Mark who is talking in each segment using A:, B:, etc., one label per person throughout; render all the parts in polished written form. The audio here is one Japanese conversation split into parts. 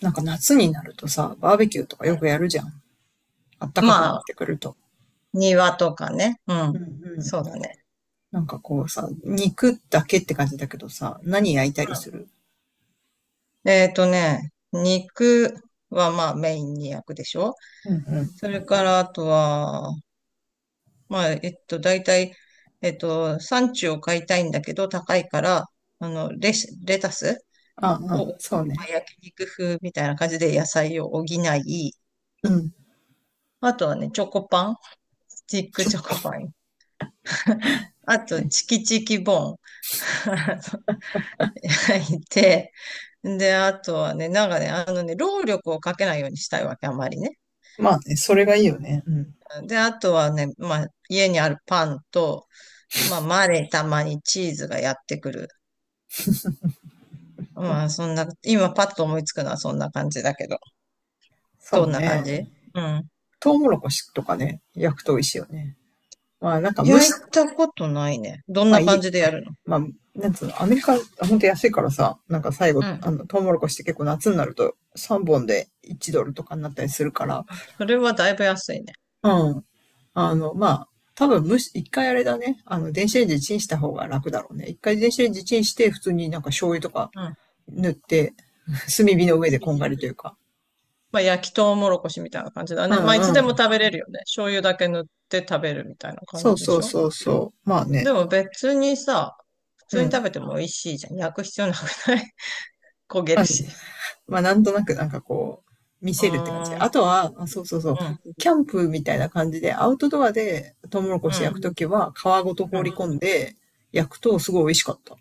A: なんか夏になるとさ、バーベキューとかよくやるじゃん。あったかくな
B: ま
A: っ
B: あ、
A: てくると。
B: 庭とかね。う
A: うん
B: ん。
A: うん。
B: そうだね。
A: なんかこうさ、肉だけって感じだけどさ、何焼いたりする。
B: うん肉はまあメインに焼くでしょ。
A: うんうん。
B: それからあとは、まあ、大体、産地を買いたいんだけど高いから、レタス
A: あ
B: を、
A: あ、
B: ま
A: そう
B: あ、
A: ね。
B: 焼肉風みたいな感じで野菜を補い、
A: うん。
B: あとはね、チョコパン、スティックチョコパン、あと、チキチキボーン。いて、で、あとはね、労力をかけないようにしたいわけ、あまりね。
A: まあね、それがいいよね。うん。
B: で、あとはね、まあ、家にあるパンと、まあ、マレーたまにチーズがやってくる。まあ、そんな、今パッと思いつくのはそんな感じだけど。
A: そ
B: ど
A: う
B: んな感
A: ね。
B: じ？うん。
A: トウモロコシとかね、焼くと美味しいよね。まあなんか蒸
B: 焼い
A: し、
B: たことないね。どん
A: まあ
B: な
A: い
B: 感
A: い、
B: じでやるの？
A: まあ、なんつうの、アメリカ、ほんと安いからさ、なんか最
B: う
A: 後、
B: ん。
A: トウモロコシって結構夏になると3本で1ドルとかになったりするから。
B: それはだいぶ安いね。
A: うん。まあ、多分むし、一回あれだね。電子レンジでチンした方が楽だろうね。一回電子レンジチンして、普通になんか醤油とか
B: うん。
A: 塗って、炭火の上でこんがりというか。
B: まあ、焼きとうもろこしみたいな感じだ
A: う
B: ね。まあ、いつ
A: ん
B: で
A: う
B: も
A: ん。
B: 食べれるよね。醤油だけ塗って食べるみたいな感
A: そ
B: じ
A: う
B: で
A: そ
B: し
A: う
B: ょ？
A: そうそう。まあね。
B: でも別にさ、普
A: う
B: 通に
A: ん。
B: 食べても美味しいじゃん。焼く必要なくない？ 焦げ
A: ま
B: る
A: あ、
B: し。
A: まあ、なんとなくなんかこう、見
B: うー
A: せるって感じ。
B: ん、う
A: あ
B: ん、
A: とは、あそうそうそう。キャンプみたいな感じで、アウトドアでトウモロコ
B: う
A: シ焼くと
B: ん、
A: きは皮ごと
B: う
A: 放
B: ん。
A: り込んで焼くとすごい美味しかった。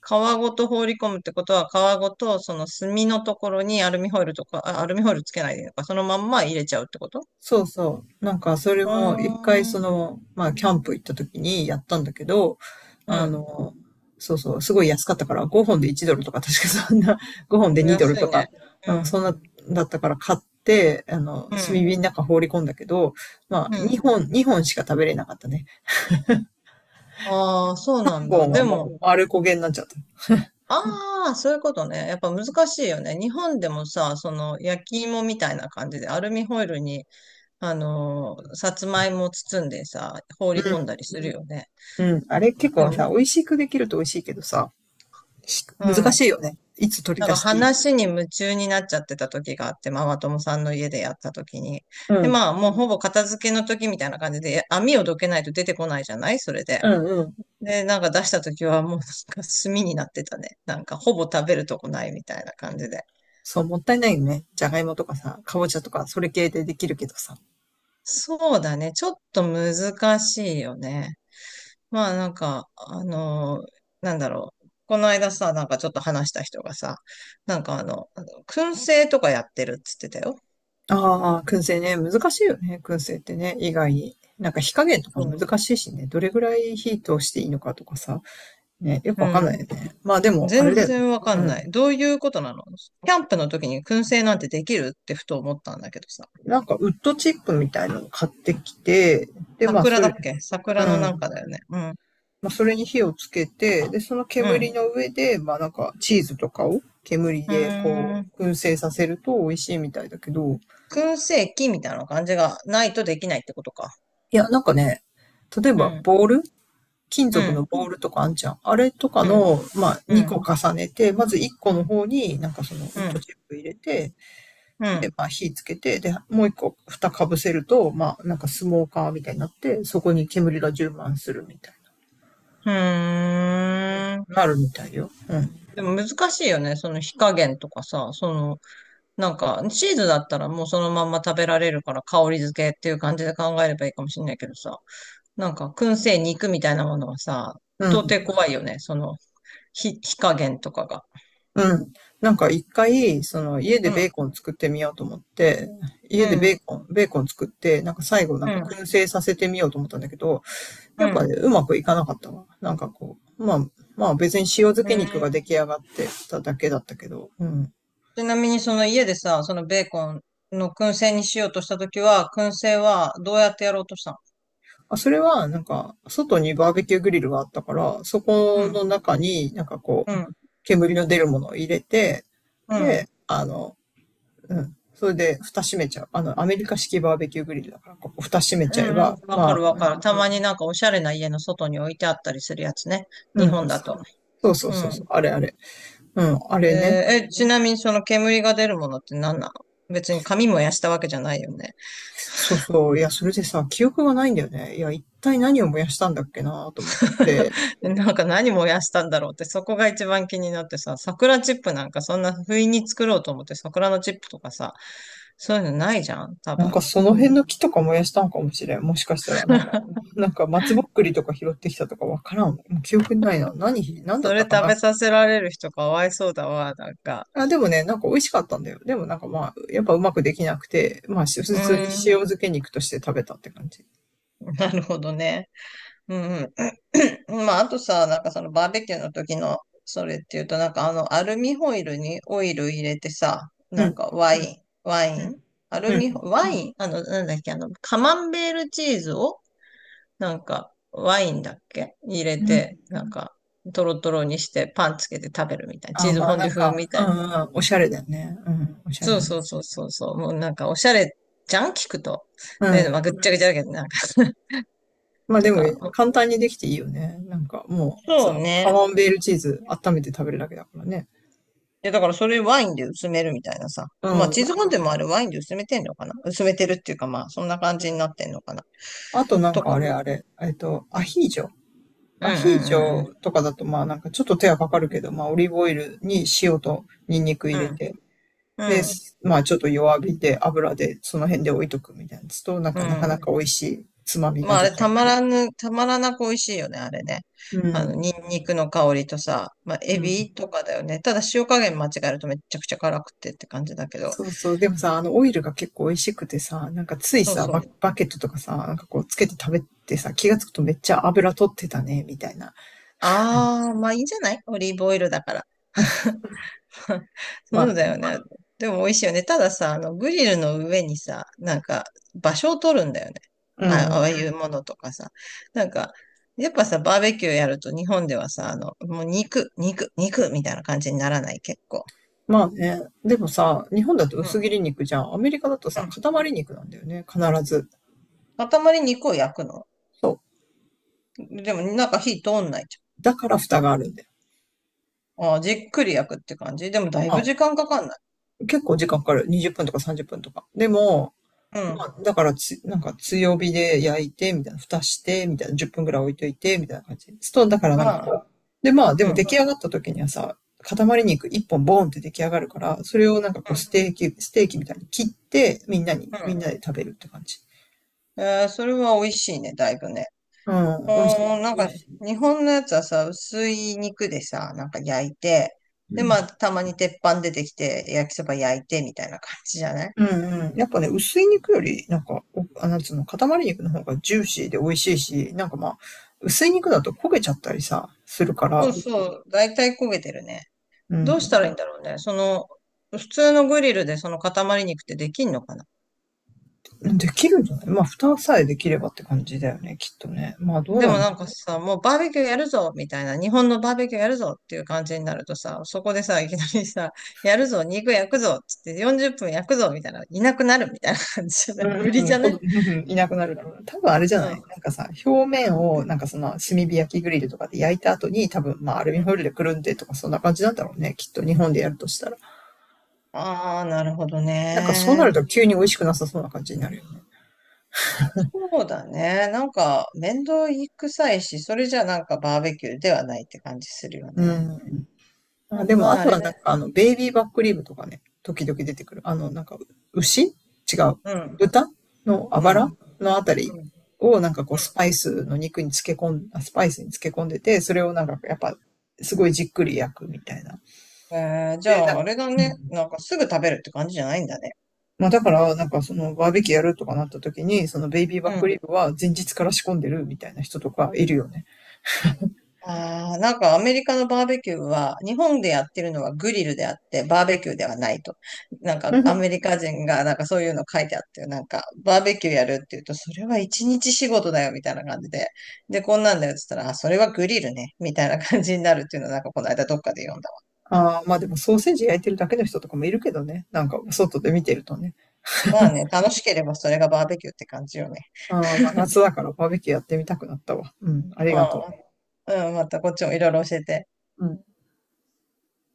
B: 皮ごと放り込むってことは、皮ごとその炭のところにアルミホイルとか、あアルミホイルつけないでいいのか、そのまんま入れちゃうってこと？
A: そうそう。なんか、それ
B: うー
A: も一回そ
B: ん、
A: の、まあ、キャンプ行った時にやったんだけど、
B: う
A: あ
B: ん。
A: の、そうそう、すごい安かったから、5本で1ドルとか、確かそんな、5本で2ドル
B: 安い
A: とか、
B: ね。う
A: うん、
B: ん、
A: そんな、だったから買って、
B: う
A: 炭
B: ん、
A: 火の中放り込んだけど、まあ、
B: うん。
A: 2本しか食べれなかったね。
B: ああ、そうなん
A: 5
B: だ。
A: 本は
B: で
A: もう、
B: も、
A: 丸焦げになっちゃった。
B: ああ、そういうことね。やっぱ難しいよね。日本でもさ、その焼き芋みたいな感じでアルミホイルにあの、さつまいも包んでさ、放り込んだりするよね。
A: うん、うん。あれ結
B: で
A: 構
B: も、
A: さ、美味しくできると美味しいけどさ、し
B: う
A: 難
B: ん。
A: しいよね。いつ取り
B: なん
A: 出
B: か
A: していい。
B: 話に夢中になっちゃってた時があって、ママ友さんの家でやった時に。
A: う
B: で、
A: ん、
B: まあ、もうほぼ片付けの時みたいな感じで、網をどけないと出てこないじゃないそれで。
A: うん、うん。
B: で、なんか出した時はもうなんか炭になってたね。なんかほぼ食べるとこないみたいな感じで。
A: そう、もったいないよね。じゃがいもとかさ、かぼちゃとか、それ系でできるけどさ。
B: そうだね。ちょっと難しいよね。まあなんか、あのーこの間さ、なんかちょっと話した人がさ、燻製とかやってるっつってたよ。
A: ああ、燻製ね。難しいよね。燻製ってね。意外に。なんか火加減とか
B: そ
A: 難しいしね。どれぐらい火通していいのかとかさ。ね、よく
B: う。
A: わかんないよ
B: う
A: ね。まあで
B: ん。
A: も、あ
B: 全
A: れだよね。
B: 然わか
A: う
B: んな
A: ん。
B: い。どういうことなの？キャンプの時に燻製なんてできるってふと思ったんだけどさ。
A: なんかウッドチップみたいなの買ってきて、で、まあそ
B: 桜だ
A: れ、
B: っけ？
A: う
B: 桜のなんか
A: ん。
B: だよね。うん。
A: まあそれに火をつけて、で、その
B: う
A: 煙
B: ん。
A: の上で、まあなんかチーズとかを煙
B: う
A: でこ
B: ーん。
A: う、燻製させると美味しいみたいだけど、
B: 燻製器みたいな感じがないとできないってことか。
A: いや、なんかね、例え
B: う
A: ば
B: ん。
A: ボール金
B: う
A: 属
B: ん。
A: のボールとかあんじゃん。あれとか
B: うん。
A: の、まあ、
B: う
A: 2
B: ん。
A: 個重ねて、まず1個の方になんかそのウ
B: う
A: ッド
B: ん。
A: チップ入れて、
B: う
A: で、
B: ん。
A: まあ、火つけて、で、もう1個蓋かぶせると、まあ、なんかスモーカーみたいになって、そこに煙が充満するみたい
B: うーん。
A: な、なるみたいよ。うん。
B: でも難しいよね。その火加減とかさ、その、なんか、チーズだったらもうそのまんま食べられるから香り付けっていう感じで考えればいいかもしれないけどさ、なんか、燻製肉みたいなものはさ、
A: う
B: 到底
A: ん。
B: 怖いよね。その、火加減とかが。
A: うん。なんか一回、その家で
B: う
A: ベー
B: ん、
A: コン作ってみようと思って、
B: う
A: 家でベー
B: ん、
A: コン、作って、なんか最後なん
B: う
A: か
B: ん、
A: 燻製させてみようと思ったんだけど、
B: う
A: やっぱ
B: ん。
A: ね、うまくいかなかったわ。なんかこう、まあ、まあ別に塩漬
B: う
A: け肉が出
B: ん。
A: 来上がってただけだったけど。うん。
B: ちなみにその家でさ、そのベーコンの燻製にしようとしたときは、燻製はどうやってやろうとしたの？
A: あそれは、なんか、外にバーベキューグリルがあったから、そ
B: う
A: こ
B: ん、
A: の中になんかこう、煙の出るものを入れて、
B: うん、
A: で、うん。それで、蓋閉めちゃう。アメリカ式バーベキューグリルだから、ここ蓋閉めち
B: う
A: ゃえ
B: んう
A: ば、
B: ん、わか
A: ま
B: るわ
A: あ。
B: かる。たまになんかおしゃれな家の外に置いてあったりするやつね。
A: うん
B: 日
A: うん。
B: 本だと。
A: そうそう
B: う
A: そうそ
B: ん。
A: う。あれあれ。うん、あ
B: え
A: れね。
B: ーえ、ちなみにその煙が出るものって何なの？別に紙燃やしたわけじゃないよね。
A: そうそう。いや、それでさ、記憶がないんだよね。いや、一体何を燃やしたんだっけなと思っ て。
B: でなんか何燃やしたんだろうって、そこが一番気になってさ、桜チップなんかそんな不意に作ろうと思って桜のチップとかさ、そういうのないじゃん、多
A: なん
B: 分。
A: かその
B: うん。
A: 辺の木とか燃やしたんかもしれん。もしかしたら、なんか、なんか松ぼっくりとか拾ってきたとかわからん。もう記憶にないな。何、何だ
B: そ
A: っ
B: れ
A: たか
B: 食
A: な。
B: べさせられる人かわいそうだわ、なんか。
A: あ、でもね、なんか美味しかったんだよ。でもなんかまあ、やっぱうまくできなくて、まあし
B: う
A: 普通に
B: ーん、
A: 塩漬け肉として食べたって感じ。
B: なるほどね。うん。うん。まあ、あとさ、なんかそのバーベキューの時のそれっていうと、なんかあのアルミホイルにオイル入れてさ、
A: う
B: なん
A: ん、
B: かワイン、ワ
A: う
B: イ
A: ん、
B: ン、アル
A: う
B: ミホ、
A: ん。
B: ワイン、あの、なんだっけ、あの、カマンベールチーズを、なんかワインだっけ入れ
A: う
B: て、
A: ん。
B: なんかトロトロにしてパンつけて食べるみたいな、チ
A: あ、
B: ーズ
A: ま
B: フ
A: あ
B: ォン
A: な
B: デュ
A: ん
B: 風
A: か、
B: み
A: う
B: たいな。
A: んうん、おしゃれだよね。うん、おしゃれ
B: そうそ
A: ね。
B: うそうそうそう、もうなんかおしゃれじゃん、聞くと。
A: う
B: だけど、ま
A: ん。
B: あ、ぐっちゃぐちゃだけど、なんか
A: まあで
B: と
A: も、
B: か。
A: 簡単にできていいよね。なんかもう
B: そう
A: さ、カ
B: ね。
A: マンベールチーズ温めて食べるだけだからね。
B: や、だからそれワインで薄めるみたいなさ。
A: う
B: まあ、
A: ん、
B: チ
A: ま
B: ー
A: あ
B: ズフォンデュもあれワインで薄めてんのかな？薄めてるっていうか、まあ、そんな感
A: う
B: じにな
A: ん、
B: ってんのかな
A: あとなん
B: と
A: かあ
B: か。
A: れあれ、アヒージョ。
B: うん。
A: ア
B: う
A: ヒージ
B: ん。うん。うん。
A: ョとかだとまあなんかちょっと手はかかるけど、まあオリーブオイルに塩とニンニク入れて、
B: う
A: で、
B: ん。
A: まあちょっと弱火で油でその辺で置いとくみたいなやつと、なん
B: う
A: かなか
B: ん。う
A: なか美
B: ん。
A: 味しいつまみ
B: ま
A: が
B: あ、あ
A: 出
B: れ、
A: 来上がる。
B: たまらなく美味しいよね、あれね。
A: う
B: あの、
A: ん。
B: ニンニクの香りとさ、まあ、
A: う
B: エ
A: ん。
B: ビとかだよね。ただ、塩加減間違えるとめっちゃくちゃ辛くてって感じだけど。
A: そうそう。でもさ、あのオイルが結構美味しくてさ、なんかつい
B: そう
A: さ、
B: そ
A: バ、
B: う。
A: バケットとかさ、なんかこうつけて食べてさ、気がつくとめっちゃ油取ってたね、みたいな。
B: ああ、まあいいんじゃない？オリーブオイルだから。そ
A: ま
B: う
A: あ
B: だ
A: ね。
B: よね。でも美味しいよね。たださ、あの、グリルの上にさ、なんか、場所を取るんだよね。
A: う
B: あ、あ
A: ん
B: あいうものとかさ。なんか、やっぱさ、バーベキューやると日本ではさ、あの、もう肉、肉、肉みたいな感じにならない、結構。
A: まあね、でもさ、日本だと
B: うん、
A: 薄切り肉じゃん。アメリカだと
B: う
A: さ、
B: ん。
A: 塊肉なんだよね、必ず。
B: 塊肉を焼くの？
A: そ
B: でも、なんか火通んないじ
A: う。だから蓋があるんだよ。
B: ゃん。ああ、じっくり焼くって感じ。でも、だい
A: ま
B: ぶ時
A: あ、
B: 間かかんない？
A: 結構時間かかる。20分とか30分とか。でも、
B: うん。
A: まあ、だからつ、なんか強火で焼いて、みたいな、蓋して、みたいな、10分ぐらい置いといて、みたいな感じ。そう、だからなんか
B: ま
A: こ
B: あ、
A: う。で、まあ、で
B: う
A: も
B: ん、う
A: 出
B: ん、
A: 来上がった時にはさ、塊肉1本ボーンって出来上がるから、それをなんかこうステーキみたいに切って、みんなに、
B: う
A: みん
B: ん。
A: なで食べるって感じ。
B: えーそれは美味しいね、だいぶね。
A: う
B: あ
A: ん、美味しい。
B: ーなん
A: 美
B: か、
A: 味しい。
B: 日本のやつはさ、薄い肉でさ、なんか焼いて、
A: う
B: で、まあ、
A: ん。
B: たまに鉄板出てきて、焼きそば焼いて、みたいな感じじゃない？
A: うんうん。やっぱね、薄い肉より、なんか、なんつうの、塊肉の方がジューシーで美味しいし、なんかまあ、薄い肉だと焦げちゃったりさ、するか
B: そう
A: ら。
B: そう、だいたい焦げてるね。
A: う
B: どうしたら
A: ん。
B: いいんだろうね。その、普通のグリルでその塊肉ってできんのかな？
A: できるんじゃない。まあ、蓋さえできればって感じだよね、きっとね。まあ、どう
B: で
A: な
B: も
A: んだ。
B: なんかさ、もうバーベキューやるぞみたいな、日本のバーベキューやるぞっていう感じになるとさ、そこでさ、いきなりさ、やるぞ、肉焼くぞっつって40分焼くぞみたいな、いなくなるみたいな感じじゃない？無
A: う
B: 理
A: んう
B: じ
A: ん、
B: ゃね？
A: うん、いなくなるだろうな。多分あれじゃ
B: う
A: ない
B: ん。
A: なんかさ、表面を、なんかその、炭火焼きグリルとかで焼いた後に、多分、まあ、アルミホイルでくるんでとか、そんな感じなんだろうね。きっと、日本でやるとしたら。
B: ああ、なるほど
A: なんか、そうな
B: ね。
A: ると急に美味しくなさそうな感じになるよね。
B: そうだね。なんか、面倒くさいし、それじゃなんかバーベキューではないって感じするよ
A: う
B: ね。
A: ん。
B: で
A: あ、
B: も
A: でも、
B: ま
A: あ
B: あ、あ
A: と
B: れ
A: は
B: ね。
A: なんか、ベイビーバックリブとかね、時々出てくる。なんか、牛違う。
B: うん、
A: 豚のあ
B: う
A: ばら
B: ん、
A: のあたり
B: うん、う
A: をなんかこう、スパイスに漬け込んでて、それをなんか、やっぱ、すごいじっくり焼くみたいな。
B: ん。えーじゃ
A: で、なん
B: あ、あ
A: か、
B: れだ
A: う
B: ね。
A: ん、
B: なんかすぐ食べるって感じじゃないんだね。
A: まあだから、なんかそのバーベキューやるとかなった時に、そのベイビー
B: う
A: バックリ
B: ん。
A: ブは前日から仕込んでるみたいな人とかいるよね。
B: ああ、なんかアメリカのバーベキューは、日本でやってるのはグリルであって、バーベキューではないと。なんかアメリ カ人がなんかそういうの書いてあって、なんかバーベキューやるって言うと、それは一日仕事だよみたいな感じで。で、こんなんだよって言ったら、あ、それはグリルね、みたいな感じになるっていうのはなんかこの間どっかで読んだわ。
A: ああ、まあでもソーセージ焼いてるだけの人とかもいるけどね。なんか外で見てるとね。
B: まあね、楽しければそれがバーベキューって感じよね。
A: ああ、まあ、夏だからバーベキューやってみたくなったわ。うん、ありがと
B: うん、うん、またこっちもいろいろ教えて。
A: う。うん。